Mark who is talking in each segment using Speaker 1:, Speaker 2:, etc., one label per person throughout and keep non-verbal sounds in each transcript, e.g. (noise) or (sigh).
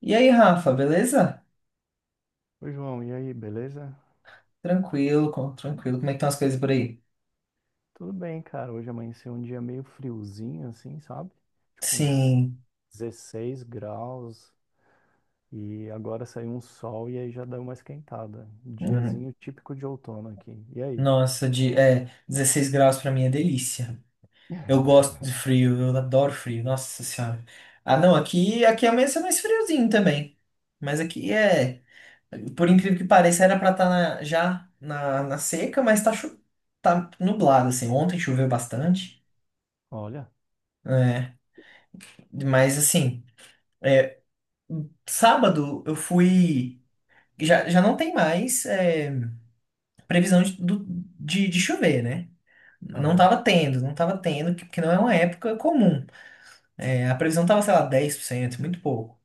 Speaker 1: E aí, Rafa, beleza?
Speaker 2: Oi, João, e aí, beleza?
Speaker 1: Tranquilo, tranquilo. Como é que estão as coisas por aí?
Speaker 2: Tudo bem, cara. Hoje amanheceu um dia meio friozinho, assim, sabe? Tipo uns
Speaker 1: Sim.
Speaker 2: 16 graus e agora saiu um sol e aí já deu uma esquentada.
Speaker 1: hum,
Speaker 2: Diazinho típico de outono aqui. E aí?
Speaker 1: Nossa, 16 graus pra mim é delícia. Eu gosto
Speaker 2: (laughs)
Speaker 1: de frio, eu adoro frio. Nossa Senhora. Ah, não, aqui amanhece mais friozinho também. Mas aqui é, por incrível que pareça, era pra estar já na seca, mas tá nublado, assim. Ontem choveu bastante.
Speaker 2: Olha.
Speaker 1: É, mas assim, sábado eu fui. Já, já não tem mais. Previsão de chover, né? Não
Speaker 2: Aham.
Speaker 1: tava tendo, não tava tendo, porque não é uma época comum. É, a previsão tava, sei lá, 10%, muito pouco.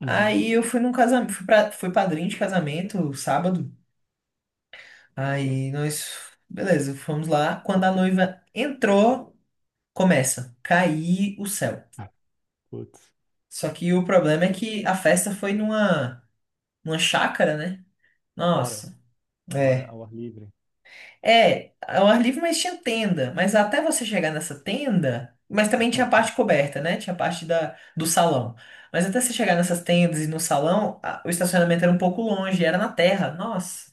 Speaker 2: Uhum.
Speaker 1: Aí eu fui num casamento, fui padrinho de casamento sábado. Aí nós, beleza, fomos lá. Quando a noiva entrou, começa a cair o céu.
Speaker 2: Putz.
Speaker 1: Só que o problema é que a festa foi numa, chácara, né?
Speaker 2: Fora.
Speaker 1: Nossa.
Speaker 2: Agora
Speaker 1: É.
Speaker 2: ao ar livre.
Speaker 1: É, ao ar livre, mas tinha tenda. Mas até você chegar nessa tenda, mas também tinha a
Speaker 2: (laughs)
Speaker 1: parte coberta, né? Tinha a parte da, do salão. Mas até você chegar nessas tendas e no salão, o estacionamento era um pouco longe, era na terra. Nossa,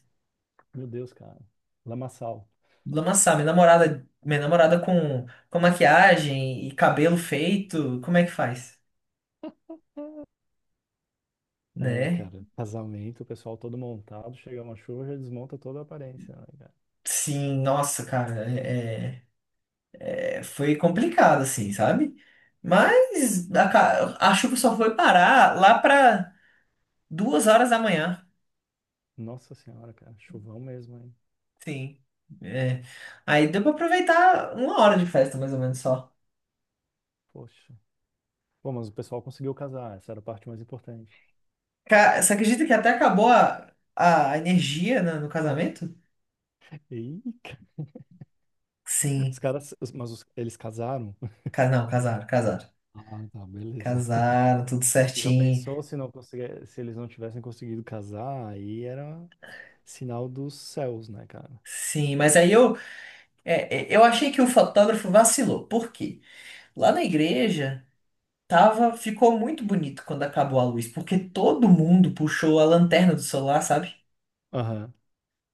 Speaker 2: Meu Deus, cara. Lamaçal.
Speaker 1: lamaçal. Minha namorada com maquiagem e cabelo feito, como é que faz?
Speaker 2: É,
Speaker 1: Né?
Speaker 2: cara. Casamento, o pessoal todo montado, chega uma chuva, já desmonta toda a aparência, né?
Speaker 1: Sim, nossa, cara, foi complicado, assim, sabe? Mas a chuva só foi parar lá para 2 horas da manhã.
Speaker 2: Nossa senhora, cara, chuvão mesmo, hein?
Speaker 1: Sim. É. Aí deu pra aproveitar uma hora de festa, mais ou menos só.
Speaker 2: Poxa. Pô, mas o pessoal conseguiu casar, essa era a parte mais importante.
Speaker 1: Você acredita que até acabou a energia no casamento?
Speaker 2: Ih, cara, os
Speaker 1: Sim.
Speaker 2: caras, mas eles casaram?
Speaker 1: Não, casaram, casaram.
Speaker 2: Ah, tá, beleza.
Speaker 1: Casaram, tudo
Speaker 2: Já
Speaker 1: certinho.
Speaker 2: pensou se não conseguir, se eles não tivessem conseguido casar, aí era sinal dos céus, né, cara?
Speaker 1: Sim, mas aí eu achei que o fotógrafo vacilou. Por quê? Lá na igreja ficou muito bonito quando acabou a luz, porque todo mundo puxou a lanterna do celular, sabe?
Speaker 2: Aham,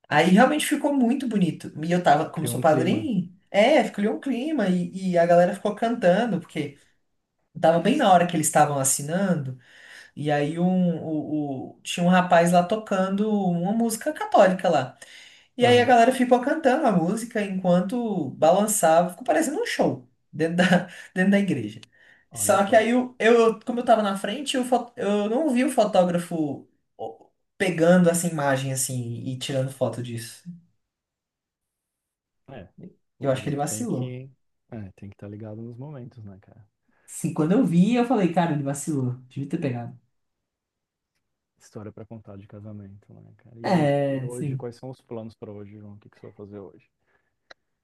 Speaker 1: Aí realmente ficou muito bonito. E eu tava, como eu
Speaker 2: criou
Speaker 1: sou
Speaker 2: um clima.
Speaker 1: padrinho, ficou um clima e a galera ficou cantando, porque tava bem na hora que eles estavam assinando, e aí tinha um rapaz lá tocando uma música católica lá. E aí a
Speaker 2: Aham,
Speaker 1: galera ficou cantando a música enquanto balançava, ficou parecendo um show dentro da, (laughs) dentro da igreja.
Speaker 2: olha
Speaker 1: Só que
Speaker 2: só.
Speaker 1: aí como eu tava na frente, eu não vi o fotógrafo ó, pegando essa imagem assim e tirando foto disso.
Speaker 2: É,
Speaker 1: Eu acho que ele
Speaker 2: fotógrafo tem
Speaker 1: vacilou.
Speaker 2: que, é, tem que estar ligado nos momentos, né, cara?
Speaker 1: Sim, quando eu vi, eu falei, cara, ele vacilou. Devia ter pegado.
Speaker 2: História pra contar de casamento, né, cara? E aí, e
Speaker 1: É,
Speaker 2: hoje,
Speaker 1: sim.
Speaker 2: quais são os planos pra hoje, João? O que que você vai fazer hoje?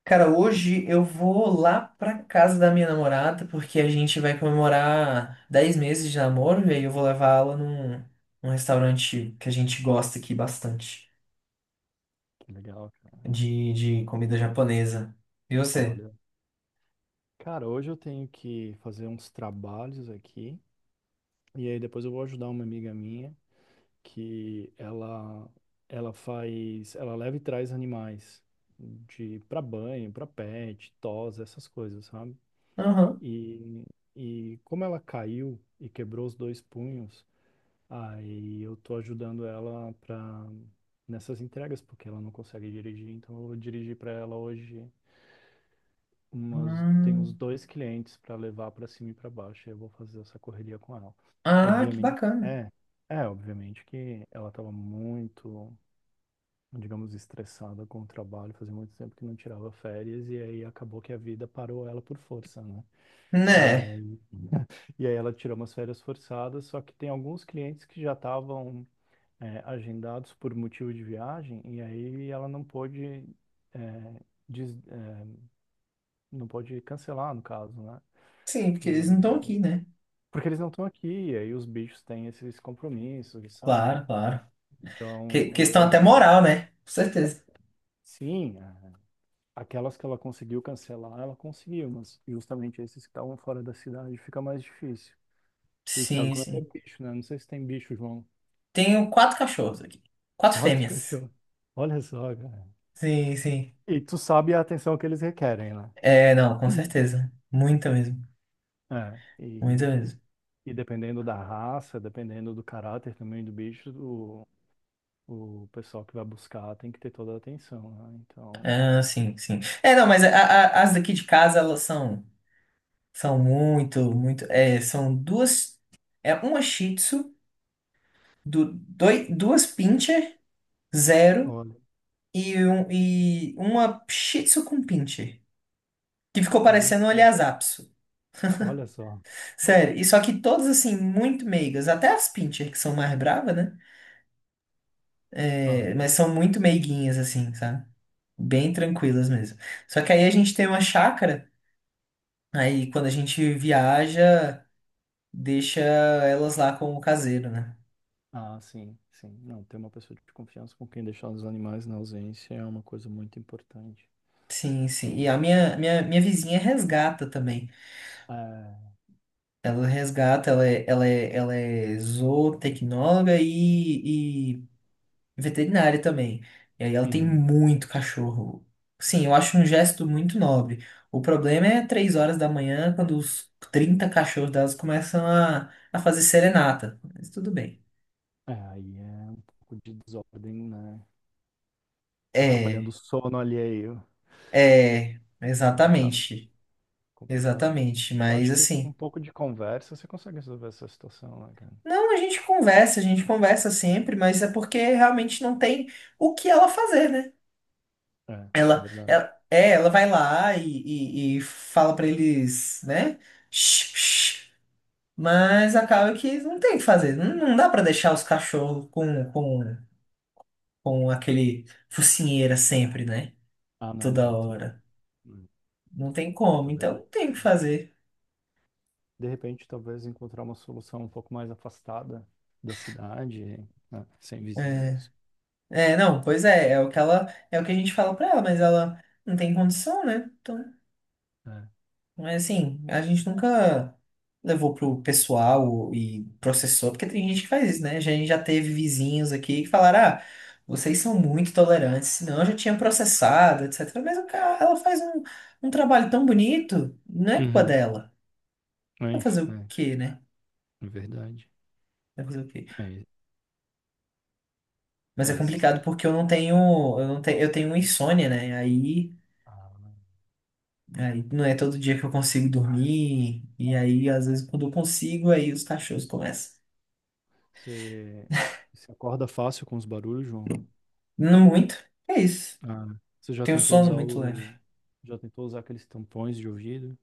Speaker 1: Cara, hoje eu vou lá pra casa da minha namorada, porque a gente vai comemorar 10 meses de namoro, e aí eu vou levar ela num, restaurante que a gente gosta aqui bastante,
Speaker 2: Que legal, cara.
Speaker 1: de comida japonesa. E você?
Speaker 2: Olha, cara, hoje eu tenho que fazer uns trabalhos aqui e aí depois eu vou ajudar uma amiga minha que ela faz, ela leva e traz animais de para banho, para pet, tos, essas coisas, sabe?
Speaker 1: Aham.
Speaker 2: E e como ela caiu e quebrou os dois punhos, aí eu tô ajudando ela para nessas entregas porque ela não consegue dirigir, então eu vou dirigir para ela hoje tem uns
Speaker 1: Hum.
Speaker 2: dois clientes para levar para cima e para baixo, e eu vou fazer essa correria com ela.
Speaker 1: Ah, que
Speaker 2: Obviamente,
Speaker 1: bacana.
Speaker 2: é, obviamente que ela estava muito, digamos, estressada com o trabalho, fazia muito tempo que não tirava férias, e aí acabou que a vida parou ela por força, né? E
Speaker 1: Né?
Speaker 2: aí, e aí, ela tirou umas férias forçadas, só que tem alguns clientes que já estavam, agendados por motivo de viagem, e aí ela não pôde, é, des- é, não pôde cancelar, no caso, né?
Speaker 1: Sim, porque eles não estão
Speaker 2: E
Speaker 1: aqui, né?
Speaker 2: Porque eles não estão aqui, e aí os bichos têm esses compromissos, sabe, né?
Speaker 1: Claro, claro.
Speaker 2: Então eu
Speaker 1: Questão
Speaker 2: vou
Speaker 1: até
Speaker 2: ajudar.
Speaker 1: moral, né? Com certeza.
Speaker 2: Sim, aquelas que ela conseguiu cancelar, ela conseguiu, mas justamente esses que estavam fora da cidade fica mais difícil. E sabe
Speaker 1: Sim,
Speaker 2: como é que é
Speaker 1: sim.
Speaker 2: bicho, né? Não sei se tem bicho, João.
Speaker 1: Tenho quatro cachorros aqui.
Speaker 2: (laughs)
Speaker 1: Quatro
Speaker 2: Quatro
Speaker 1: fêmeas.
Speaker 2: cachorros. Olha só, cara.
Speaker 1: Sim, sim.
Speaker 2: E tu sabe a atenção que eles requerem, né?
Speaker 1: É, não, com certeza. Muita mesmo.
Speaker 2: É.
Speaker 1: Muita
Speaker 2: E,
Speaker 1: mesmo.
Speaker 2: e dependendo da raça, dependendo do caráter também do bicho, o pessoal que vai buscar tem que ter toda a atenção, né? Então.
Speaker 1: Ah, sim, sim. É, não, mas as daqui de casa, elas são muito, muito. É, são duas. É uma Shih Tzu, duas Pinscher, zero,
Speaker 2: Olha.
Speaker 1: e uma Shih Tzu com Pinscher. Que ficou
Speaker 2: Olha
Speaker 1: parecendo um
Speaker 2: só,
Speaker 1: Lhasa Apso.
Speaker 2: olha só.
Speaker 1: Sério. E só que todas, assim, muito meigas. Até as Pinscher, que são mais bravas, né?
Speaker 2: Ah,
Speaker 1: É, mas são muito meiguinhas, assim, sabe? Bem tranquilas mesmo. Só que aí a gente tem uma chácara, aí quando a gente viaja, deixa elas lá com o caseiro, né?
Speaker 2: ah, sim, sim. Não, ter uma pessoa de confiança com quem deixar os animais na ausência é uma coisa muito importante.
Speaker 1: Sim, sim. E
Speaker 2: E,
Speaker 1: a minha vizinha resgata também.
Speaker 2: é,
Speaker 1: Ela resgata, ela é zootecnóloga e, veterinária também. E aí ela tem
Speaker 2: uhum.
Speaker 1: muito cachorro. Sim, eu acho um gesto muito nobre. O problema é 3 horas da manhã, quando os 30 cachorros delas começam a fazer serenata. Mas tudo bem.
Speaker 2: É, aí é um pouco de desordem, né? Atrapalhando o
Speaker 1: É,
Speaker 2: sono alheio.
Speaker 1: é,
Speaker 2: Complicado,
Speaker 1: exatamente.
Speaker 2: complicado.
Speaker 1: Exatamente.
Speaker 2: Eu
Speaker 1: Mas
Speaker 2: acho que com um
Speaker 1: assim.
Speaker 2: pouco de conversa você consegue resolver essa situação, né, cara?
Speaker 1: Não, a gente conversa sempre, mas é porque realmente não tem o que ela fazer, né?
Speaker 2: É, é
Speaker 1: Ela,
Speaker 2: verdade.
Speaker 1: ela, é, ela vai lá e, fala pra eles, né? Shh, shh. Mas acaba que não tem o que fazer. Não, não dá pra deixar os cachorros com aquele focinheira sempre, né?
Speaker 2: Ah, não, de
Speaker 1: Toda
Speaker 2: jeito nenhum.
Speaker 1: hora.
Speaker 2: Hum.
Speaker 1: Não tem
Speaker 2: É,
Speaker 1: como,
Speaker 2: talvez.
Speaker 1: então não tem o que fazer.
Speaker 2: De repente, talvez encontrar uma solução um pouco mais afastada da cidade, né, sem
Speaker 1: É,
Speaker 2: vizinhos.
Speaker 1: é, não, pois é, é o que a gente fala pra ela, mas ela não tem condição, né? Então.
Speaker 2: É.
Speaker 1: Mas assim, a gente nunca levou pro pessoal e processou, porque tem gente que faz isso, né? A gente já teve vizinhos aqui que falaram, ah, vocês são muito tolerantes, senão eu já tinha processado, etc. Mas o cara, ela faz um trabalho tão bonito, não é culpa
Speaker 2: Uhum.
Speaker 1: dela.
Speaker 2: É,
Speaker 1: Vai
Speaker 2: inf-
Speaker 1: fazer o
Speaker 2: é,
Speaker 1: quê, né?
Speaker 2: é verdade.
Speaker 1: Vai fazer o quê?
Speaker 2: É,
Speaker 1: Mas é
Speaker 2: é esse
Speaker 1: complicado
Speaker 2: extremo.
Speaker 1: porque eu não tenho, eu não tenho, eu tenho insônia, né? Aí,
Speaker 2: Ah, né?
Speaker 1: aí não é todo dia que eu consigo dormir, e aí às vezes quando eu consigo, aí os cachorros começam.
Speaker 2: Você, você acorda fácil com os barulhos, João?
Speaker 1: Não muito. É isso.
Speaker 2: Ah, você já
Speaker 1: Tenho
Speaker 2: tentou
Speaker 1: sono
Speaker 2: usar
Speaker 1: muito leve.
Speaker 2: o, já tentou usar aqueles tampões de ouvido?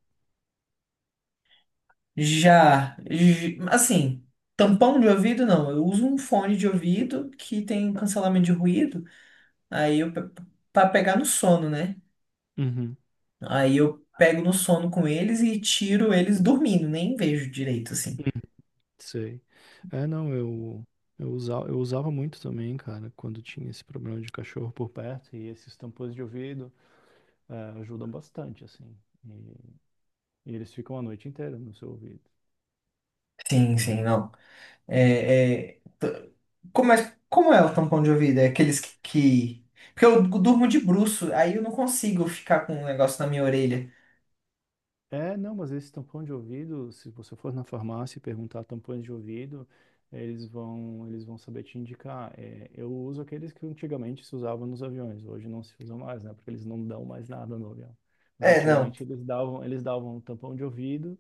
Speaker 1: Já, assim, tampão de ouvido não. Eu uso um fone de ouvido que tem cancelamento de ruído. Aí eu pe- pra pegar no sono, né?
Speaker 2: Uhum.
Speaker 1: Aí eu pego no sono com eles e tiro eles dormindo, nem vejo direito assim.
Speaker 2: Sei. É, não, eu usava muito também, cara, quando tinha esse problema de cachorro por perto e esses tampões de ouvido. é, Ajudam bastante, assim. E, e eles ficam a noite inteira no seu ouvido.
Speaker 1: Sim, sim,
Speaker 2: Então,
Speaker 1: não. É, é, t- como é o tampão de ouvido? É aqueles que? Porque eu durmo de bruço, aí eu não consigo ficar com um negócio na minha orelha.
Speaker 2: não, mas esse tampão de ouvido, se você for na farmácia e perguntar tampões de ouvido, eles vão saber te indicar. É, eu uso aqueles que antigamente se usavam nos aviões, hoje não se usam mais, né? Porque eles não dão mais nada no avião. Mas
Speaker 1: É, não.
Speaker 2: antigamente eles davam um tampão de ouvido.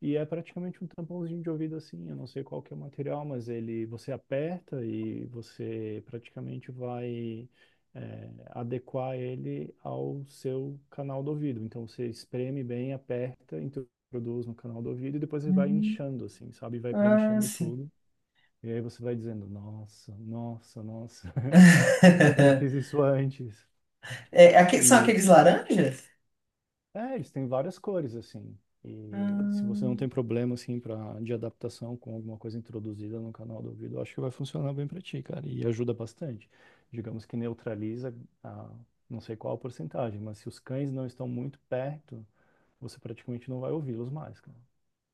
Speaker 2: E é praticamente um tampãozinho de ouvido assim, eu não sei qual que é o material, mas ele você aperta e você praticamente vai adequar ele ao seu canal do ouvido. Então você espreme bem, aperta, introduz no canal do ouvido e depois ele vai inchando assim, sabe? Vai
Speaker 1: Ah,
Speaker 2: preenchendo
Speaker 1: sim.
Speaker 2: tudo. E aí você vai dizendo, nossa, nossa, nossa, (laughs) por que que eu não
Speaker 1: (laughs)
Speaker 2: fiz isso antes?
Speaker 1: É, são
Speaker 2: E
Speaker 1: aqueles laranjas?
Speaker 2: É, eles têm várias cores, assim. E se você não
Speaker 1: Hum,
Speaker 2: tem problema, assim, pra, de adaptação com alguma coisa introduzida no canal do ouvido, eu acho que vai funcionar bem pra ti, cara. E ajuda bastante. Digamos que neutraliza a, não sei qual a porcentagem, mas se os cães não estão muito perto, você praticamente não vai ouvi-los mais, cara.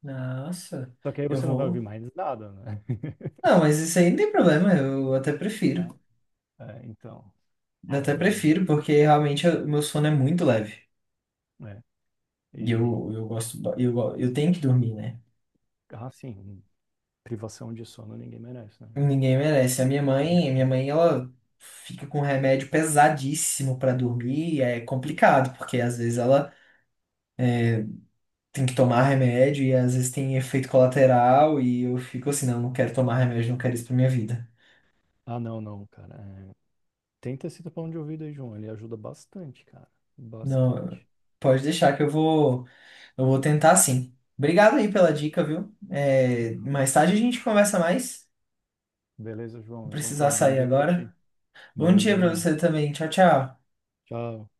Speaker 1: Nossa,
Speaker 2: Só que aí
Speaker 1: eu
Speaker 2: você não vai ouvir
Speaker 1: vou.
Speaker 2: mais nada, né? (laughs)
Speaker 1: Não, mas isso aí não tem problema, eu até
Speaker 2: É,
Speaker 1: prefiro.
Speaker 2: é, então,
Speaker 1: Eu
Speaker 2: é,
Speaker 1: até
Speaker 2: eu,
Speaker 1: prefiro, porque realmente o meu sono é muito leve.
Speaker 2: é.
Speaker 1: E
Speaker 2: E,
Speaker 1: eu gosto, ba- eu, go- eu tenho que dormir, né?
Speaker 2: ah, sim, privação de sono ninguém merece, né, João?
Speaker 1: Ninguém merece. A minha mãe, ela fica com remédio pesadíssimo pra dormir, e é complicado, porque às vezes ela tem que tomar remédio e às vezes tem efeito colateral, e eu fico assim, não, não quero tomar remédio, não quero isso pra minha vida.
Speaker 2: Ah, não, não, cara. Tenta esse tapão de ouvido aí, João. Ele ajuda bastante, cara.
Speaker 1: Não,
Speaker 2: Bastante.
Speaker 1: pode deixar que eu vou tentar sim. Obrigado aí pela dica, viu? É,
Speaker 2: Hum.
Speaker 1: mais tarde a gente conversa mais.
Speaker 2: Beleza,
Speaker 1: Vou
Speaker 2: João. Então
Speaker 1: precisar
Speaker 2: tá, bom
Speaker 1: sair
Speaker 2: dia pra ti.
Speaker 1: agora. Bom
Speaker 2: Valeu,
Speaker 1: dia pra
Speaker 2: João.
Speaker 1: você também. Tchau, tchau.
Speaker 2: Tchau.